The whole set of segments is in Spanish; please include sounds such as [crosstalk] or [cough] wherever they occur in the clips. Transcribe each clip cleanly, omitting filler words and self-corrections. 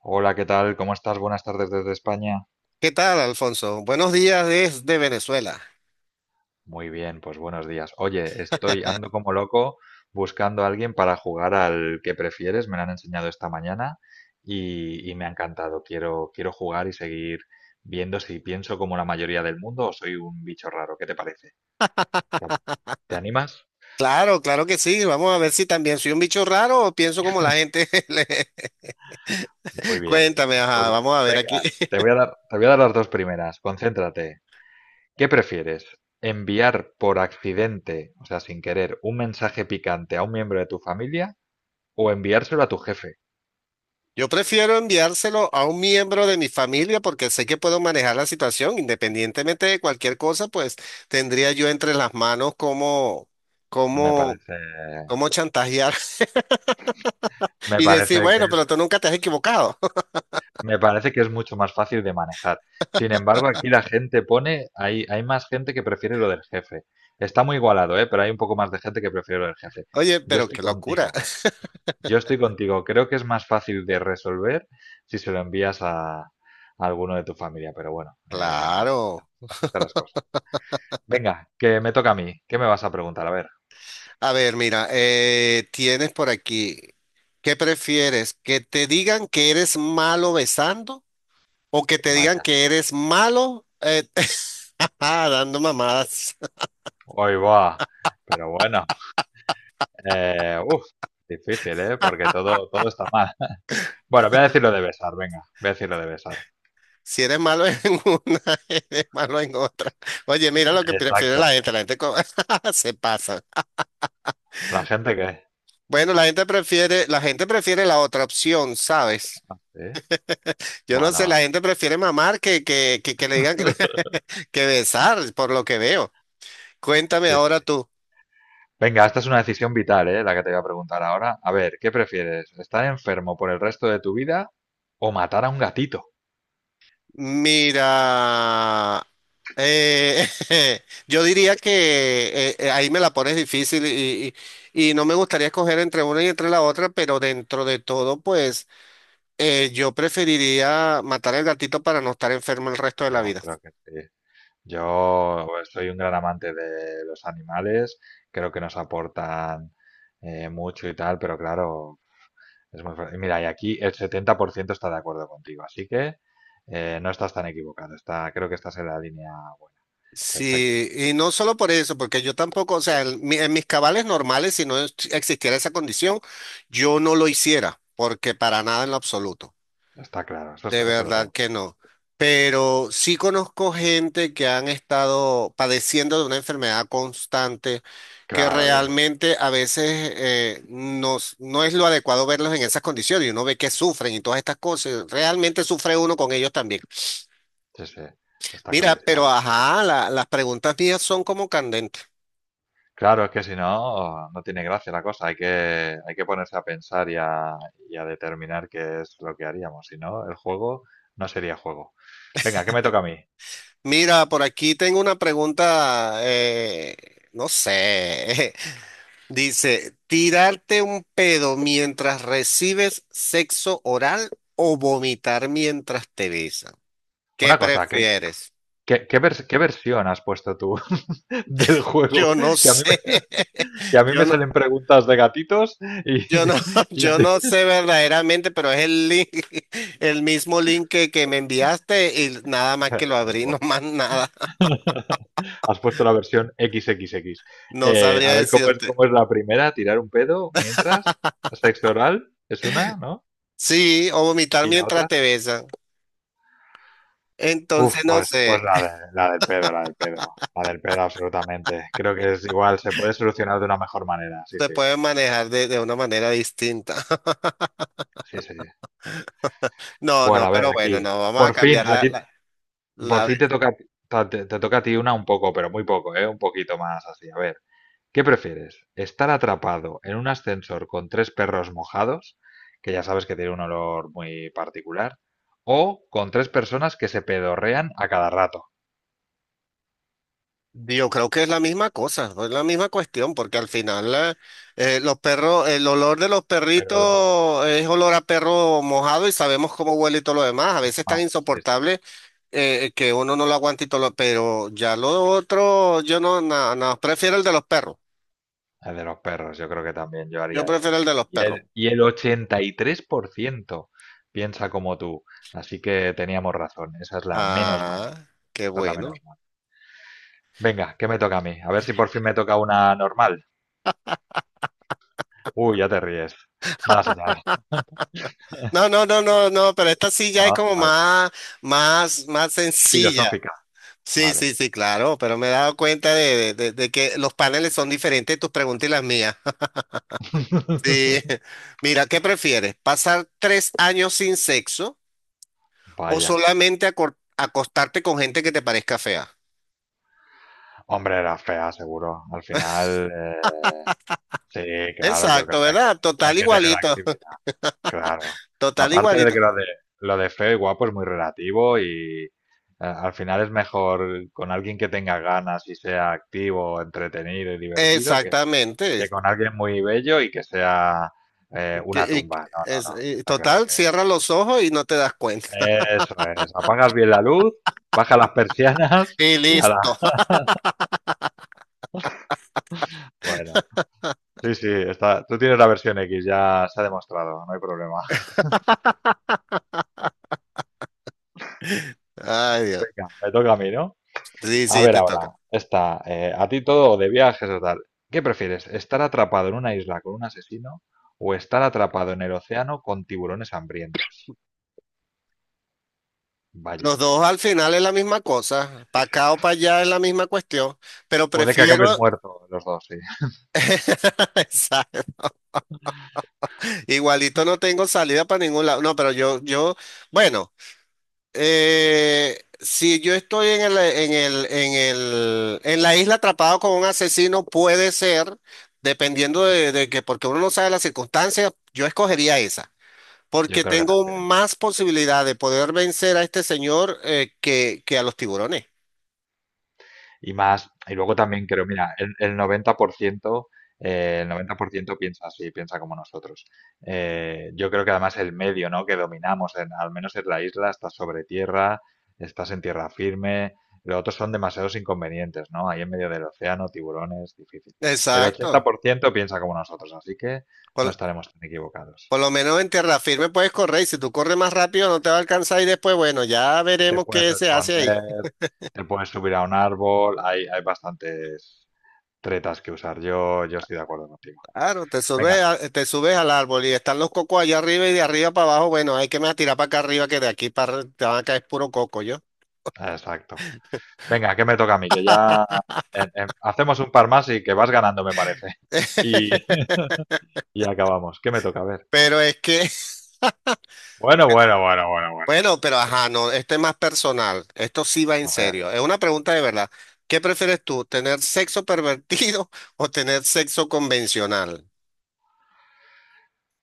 Hola, ¿qué tal? ¿Cómo estás? Buenas tardes desde España. ¿Qué tal, Alfonso? Buenos días desde Venezuela. Muy bien, pues buenos días. Oye, estoy ando como loco buscando a alguien para jugar al que prefieres. Me lo han enseñado esta mañana y me ha encantado. Quiero jugar y seguir viendo si pienso como la mayoría del mundo o soy un bicho raro. ¿Qué te parece? ¿Te [laughs] te animas? Claro, claro que sí. Vamos a ver si también soy un bicho raro o pienso como la gente. [laughs] Muy bien. Cuéntame, ajá, Pues vamos a ver aquí. venga, [laughs] te voy a dar las dos primeras. Concéntrate. ¿Qué prefieres? ¿Enviar por accidente, o sea, sin querer, un mensaje picante a un miembro de tu familia o enviárselo a tu jefe? Yo prefiero enviárselo a un miembro de mi familia porque sé que puedo manejar la situación. Independientemente de cualquier cosa, pues tendría yo entre las manos Me cómo, parece, cómo chantajear [laughs] me y decir, parece que bueno, pero es, tú nunca te has equivocado. me parece que es mucho más fácil de manejar. Sin embargo, aquí la gente pone, hay más gente que prefiere lo del jefe. Está muy igualado, ¿eh? Pero hay un poco más de gente que prefiere lo del jefe. [laughs] Oye, Yo pero estoy qué locura. contigo, [laughs] yo estoy contigo. Creo que es más fácil de resolver si se lo envías a alguno de tu familia, pero bueno, Claro. así están las cosas. Venga, que me toca a mí. ¿Qué me vas a preguntar? A ver, A ver, mira, tienes por aquí, ¿qué prefieres? ¿Que te digan que eres malo besando o que te digan vaya. que eres malo [laughs] dando mamadas? [laughs] Hoy va. Pero bueno, eh, uf, difícil, ¿eh? Porque todo está mal. [laughs] Bueno, voy a decir lo de besar, venga. Voy a decir lo de besar. Si eres malo en una, [laughs] eres malo en otra. Oye, mira lo que prefiere la Exacto. gente, [laughs] se pasa. La gente que... Bueno, la gente prefiere la otra opción, ¿sabes? ah, ¿sí? Yo no sé, Bueno, la gente prefiere mamar que le digan [laughs] [laughs] que besar, por lo que veo. Cuéntame sí, sí. ahora tú. Venga, esta es una decisión vital, ¿eh? La que te voy a preguntar ahora. A ver, ¿qué prefieres? ¿Estar enfermo por el resto de tu vida o matar a un gatito? Mira, eh, [laughs] yo diría que ahí me la pones difícil y no me gustaría escoger entre una y entre la otra, pero dentro de todo, pues yo preferiría matar al gatito para no estar enfermo el resto de la Yo vida. creo que sí. Yo soy un gran amante de los animales, creo que nos aportan mucho y tal, pero claro, es muy... fácil. Mira, y aquí el 70% está de acuerdo contigo, así que no estás tan equivocado, está, creo que estás en la línea buena. Perfecto, Sí, y no solo por eso, porque yo tampoco, o sea, en mis cabales normales, si no es- existiera esa condición, yo no lo hiciera, porque para nada en lo absoluto. está claro, eso, De está- eso lo verdad tenemos que claro. no. Pero sí conozco gente que han estado padeciendo de una enfermedad constante que Claro, y es muy duro. realmente a veces no es lo adecuado verlos en esas condiciones y uno ve que sufren y todas estas cosas. Realmente sufre uno con ellos también. Sí, sí, está Mira, clarísimo, pero yo creo. ajá, las preguntas mías son como candentes. Claro, es que si no, no tiene gracia la cosa. Hay que ponerse a pensar y a determinar qué es lo que haríamos. Si no, el juego no sería juego. Venga, ¿qué me toca a mí? Mira, por aquí tengo una pregunta, no sé, [laughs] dice, tirarte un pedo mientras recibes sexo oral o vomitar mientras te besan. ¿Qué Una cosa, prefieres? ¿Qué vers- qué versión has puesto tú [laughs] del juego? Yo no Que a mí me, sé. que a [laughs] mí Yo me no, salen preguntas de gatitos y, yo no, [laughs] [laughs] y ya yo te- no sé verdaderamente, pero es el link, [laughs] el mismo link que me enviaste y nada más que [laughs] lo Bueno, abrí, [laughs] no bueno. más nada. Has puesto la versión XXX. No A sabría ver decirte. cómo es la primera, tirar un pedo mientras. Sexo oral es una, ¿no? Sí, o vomitar Y la mientras otra. te besan. Uf, Entonces, no pues, pues sé, la, de- la del pedo, la del pedo, la del pedo absolutamente. Creo que es igual, se puede solucionar de una mejor manera, sí, se sí, puede manejar de una manera distinta. sí, sí. No, Bueno, a ver, pero bueno, aquí. no, vamos a Por fin, cambiar por la- fin te toca, ta- te toca a ti una un poco, pero muy poco, ¿eh? Un poquito más así. A ver, ¿qué prefieres? ¿Estar atrapado en un ascensor con tres perros mojados, que ya sabes que tiene un olor muy particular, o con tres personas que se pedorrean a cada rato? Yo creo que es la misma cosa, es la misma cuestión, porque al final los perros, el olor de los Pero olor perritos es olor a perro mojado y sabemos cómo huele y todo lo demás. A veces tan mal, sí. insoportable que uno no lo aguanta y todo lo... Pero ya lo otro, yo no, no, no, prefiero el de los perros. El de los perros, yo creo que también yo Yo haría ese. prefiero el de los Y perros. el 83% piensa como tú. Así que teníamos razón. Esa es la menos mala. Ah, qué Esa es la menos bueno. mala. Venga, ¿qué me toca a mí? A ver si por fin me toca una normal. Uy, ya te ríes. Mala señal. [laughs] No, no, no, no, no, pero esta sí ya es No, como vale. Más sencilla. Filosófica. Sí, sí, Vale. sí, claro, pero me he dado cuenta de que los paneles son diferentes, tus preguntas y las mías. [laughs] Sí. [laughs] Mira, ¿qué prefieres? ¿Pasar tres años sin sexo o Vaya. solamente acostarte con gente que te parezca fea? Hombre, era fea, seguro. Al final, sí, claro, yo creo Exacto, que ¿verdad? hay Total que tener igualito, actividad. Claro. [laughs] total Aparte de igualito. Lo de feo y guapo es muy relativo y al final es mejor con alguien que tenga ganas y sea activo, entretenido y divertido que Exactamente. con alguien muy bello y que sea una tumba. No, no, no, Y está claro total, que... cierra los ojos y no te das cuenta. Eso es, apagas bien la luz, baja las [laughs] persianas Y [laughs] y ala. listo. Bueno, sí, sí, está, tú tienes la versión X, ya se ha demostrado, no hay problema. [laughs] Ay, [laughs] Dios. Venga, me toca a mí, ¿no? Sí, A sí, ver te toca. ahora, está a ti todo o de viajes o tal. ¿Qué prefieres? ¿Estar atrapado en una isla con un asesino o estar atrapado en el océano con tiburones hambrientos? Los Vaya, dos al final es la misma cosa, para acá o para allá es la misma cuestión, pero puede que prefiero, acabes muerto los dos, sí. [laughs] [laughs] exacto. Igualito no tengo salida para ningún lado, no, pero yo, bueno, si yo estoy en en la isla atrapado con un asesino, puede ser, dependiendo de que, porque uno no sabe las circunstancias, yo escogería esa. Yo Porque creo que tengo también. más posibilidad de poder vencer a este señor que a los tiburones. Y más. Y luego también creo, mira, el 90% piensa así, piensa como nosotros. Yo creo que además el medio, ¿no? que dominamos, en- al menos en la isla, estás sobre tierra, estás en tierra firme. Los otros son demasiados inconvenientes, ¿no? Ahí en medio del océano, tiburones, difícil. El Exacto. 80% piensa como nosotros, así que no Con- estaremos tan equivocados. Por lo menos en tierra firme puedes correr y si tú corres más rápido no te va a alcanzar y después, bueno, ya Te veremos puedes qué se hace ahí. esconder, te puedes subir a un árbol, hay bastantes tretas que usar yo, yo estoy de acuerdo contigo. Claro, te subes, Venga, te subes al árbol y están los cocos allá arriba y de arriba para abajo, bueno, hay que me tirar para acá arriba que de aquí para te van a caer puro coco yo. exacto. Venga, que me toca a mí, que ya hacemos un par más y que vas ganando, me parece. [laughs] Y, [laughs] y acabamos. ¿Qué me toca? A ver. Pero es que, [laughs] Bueno. bueno, pero ajá, no, este es más personal, esto sí va en A ver. serio, es una pregunta de verdad. ¿Qué prefieres tú, tener sexo pervertido [laughs] o tener sexo convencional?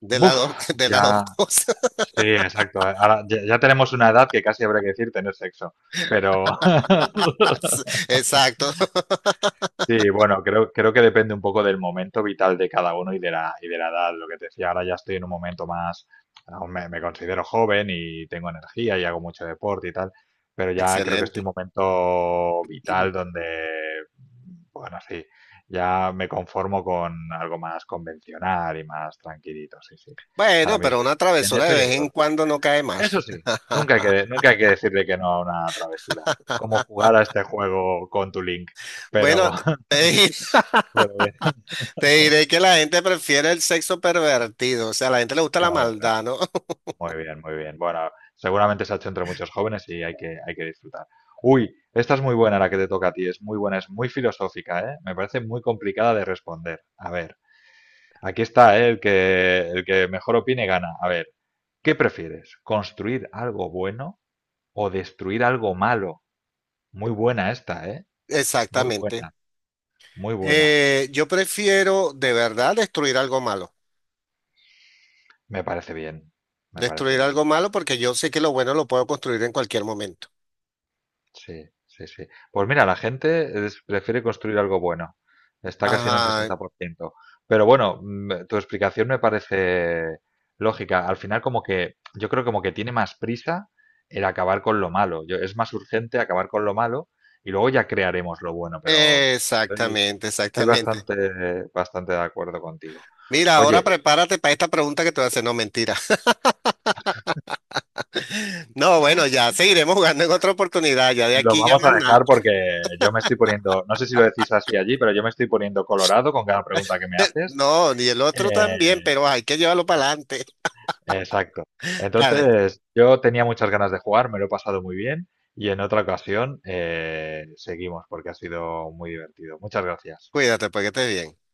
De las Buf, dos, [laughs] de las dos ya. cosas. Sí, exacto. Ahora ya, ya tenemos una edad que casi habría que decir tener sexo. Pero. [laughs] [laughs] Exacto, Sí, bueno, creo que depende un poco del momento vital de cada uno y de y de la edad. Lo que te decía, ahora ya estoy en un momento más, aún me considero joven y tengo energía y hago mucho deporte y tal, pero ya creo que estoy excelente. en un momento vital [clears throat] donde, bueno, sí, ya me conformo con algo más convencional y más tranquilito, sí, sí. Ahora Bueno, pero mismo una en travesura de eso y vez en en todo. cuando no cae mal. Eso [laughs] sí, nunca hay que decirle que no a una travesura, como jugar a este juego con tu link, pero, Bueno, [laughs] te, di- pero bien. te diré que la gente prefiere el sexo pervertido, o sea, a la gente le gusta la Claro, claro. maldad, ¿no? [laughs] Muy bien, muy bien. Bueno, seguramente se ha hecho entre muchos jóvenes y hay que disfrutar. Uy, esta es muy buena la que te toca a ti, es muy buena, es muy filosófica, ¿eh? Me parece muy complicada de responder. A ver, aquí está, ¿eh? El que mejor opine gana. A ver, ¿qué prefieres? ¿Construir algo bueno o destruir algo malo? Muy buena esta, ¿eh? Muy Exactamente. buena, muy buena. Yo prefiero de verdad Me parece bien, me parece destruir bien. algo malo porque yo sé que lo bueno lo puedo construir en cualquier momento. Sí, sí, sí. Pues mira, la gente es- prefiere construir algo bueno. Está casi en un Ajá, 60%. Pero bueno, tu explicación me parece lógica. Al final, como que yo creo como que tiene más prisa el acabar con lo malo. Yo, es más urgente acabar con lo malo y luego ya crearemos lo bueno. Pero estoy, exactamente, estoy exactamente. Bastante de acuerdo contigo. Mira, ahora Oye, prepárate para esta pregunta que te voy a hacer, no mentira. [laughs] No, bueno, ya seguiremos jugando en otra oportunidad, ya de lo aquí ya vamos a más nada. dejar porque yo me estoy poniendo, no sé si lo decís así allí, pero yo me estoy poniendo colorado con cada pregunta que me haces. No, y el otro también, Eh, pero hay que llevarlo para adelante. Exacto. [laughs] Dale, Entonces, yo tenía muchas ganas de jugar, me lo he pasado muy bien y en otra ocasión seguimos porque ha sido muy divertido. Muchas gracias. cuídate, porque estés bien.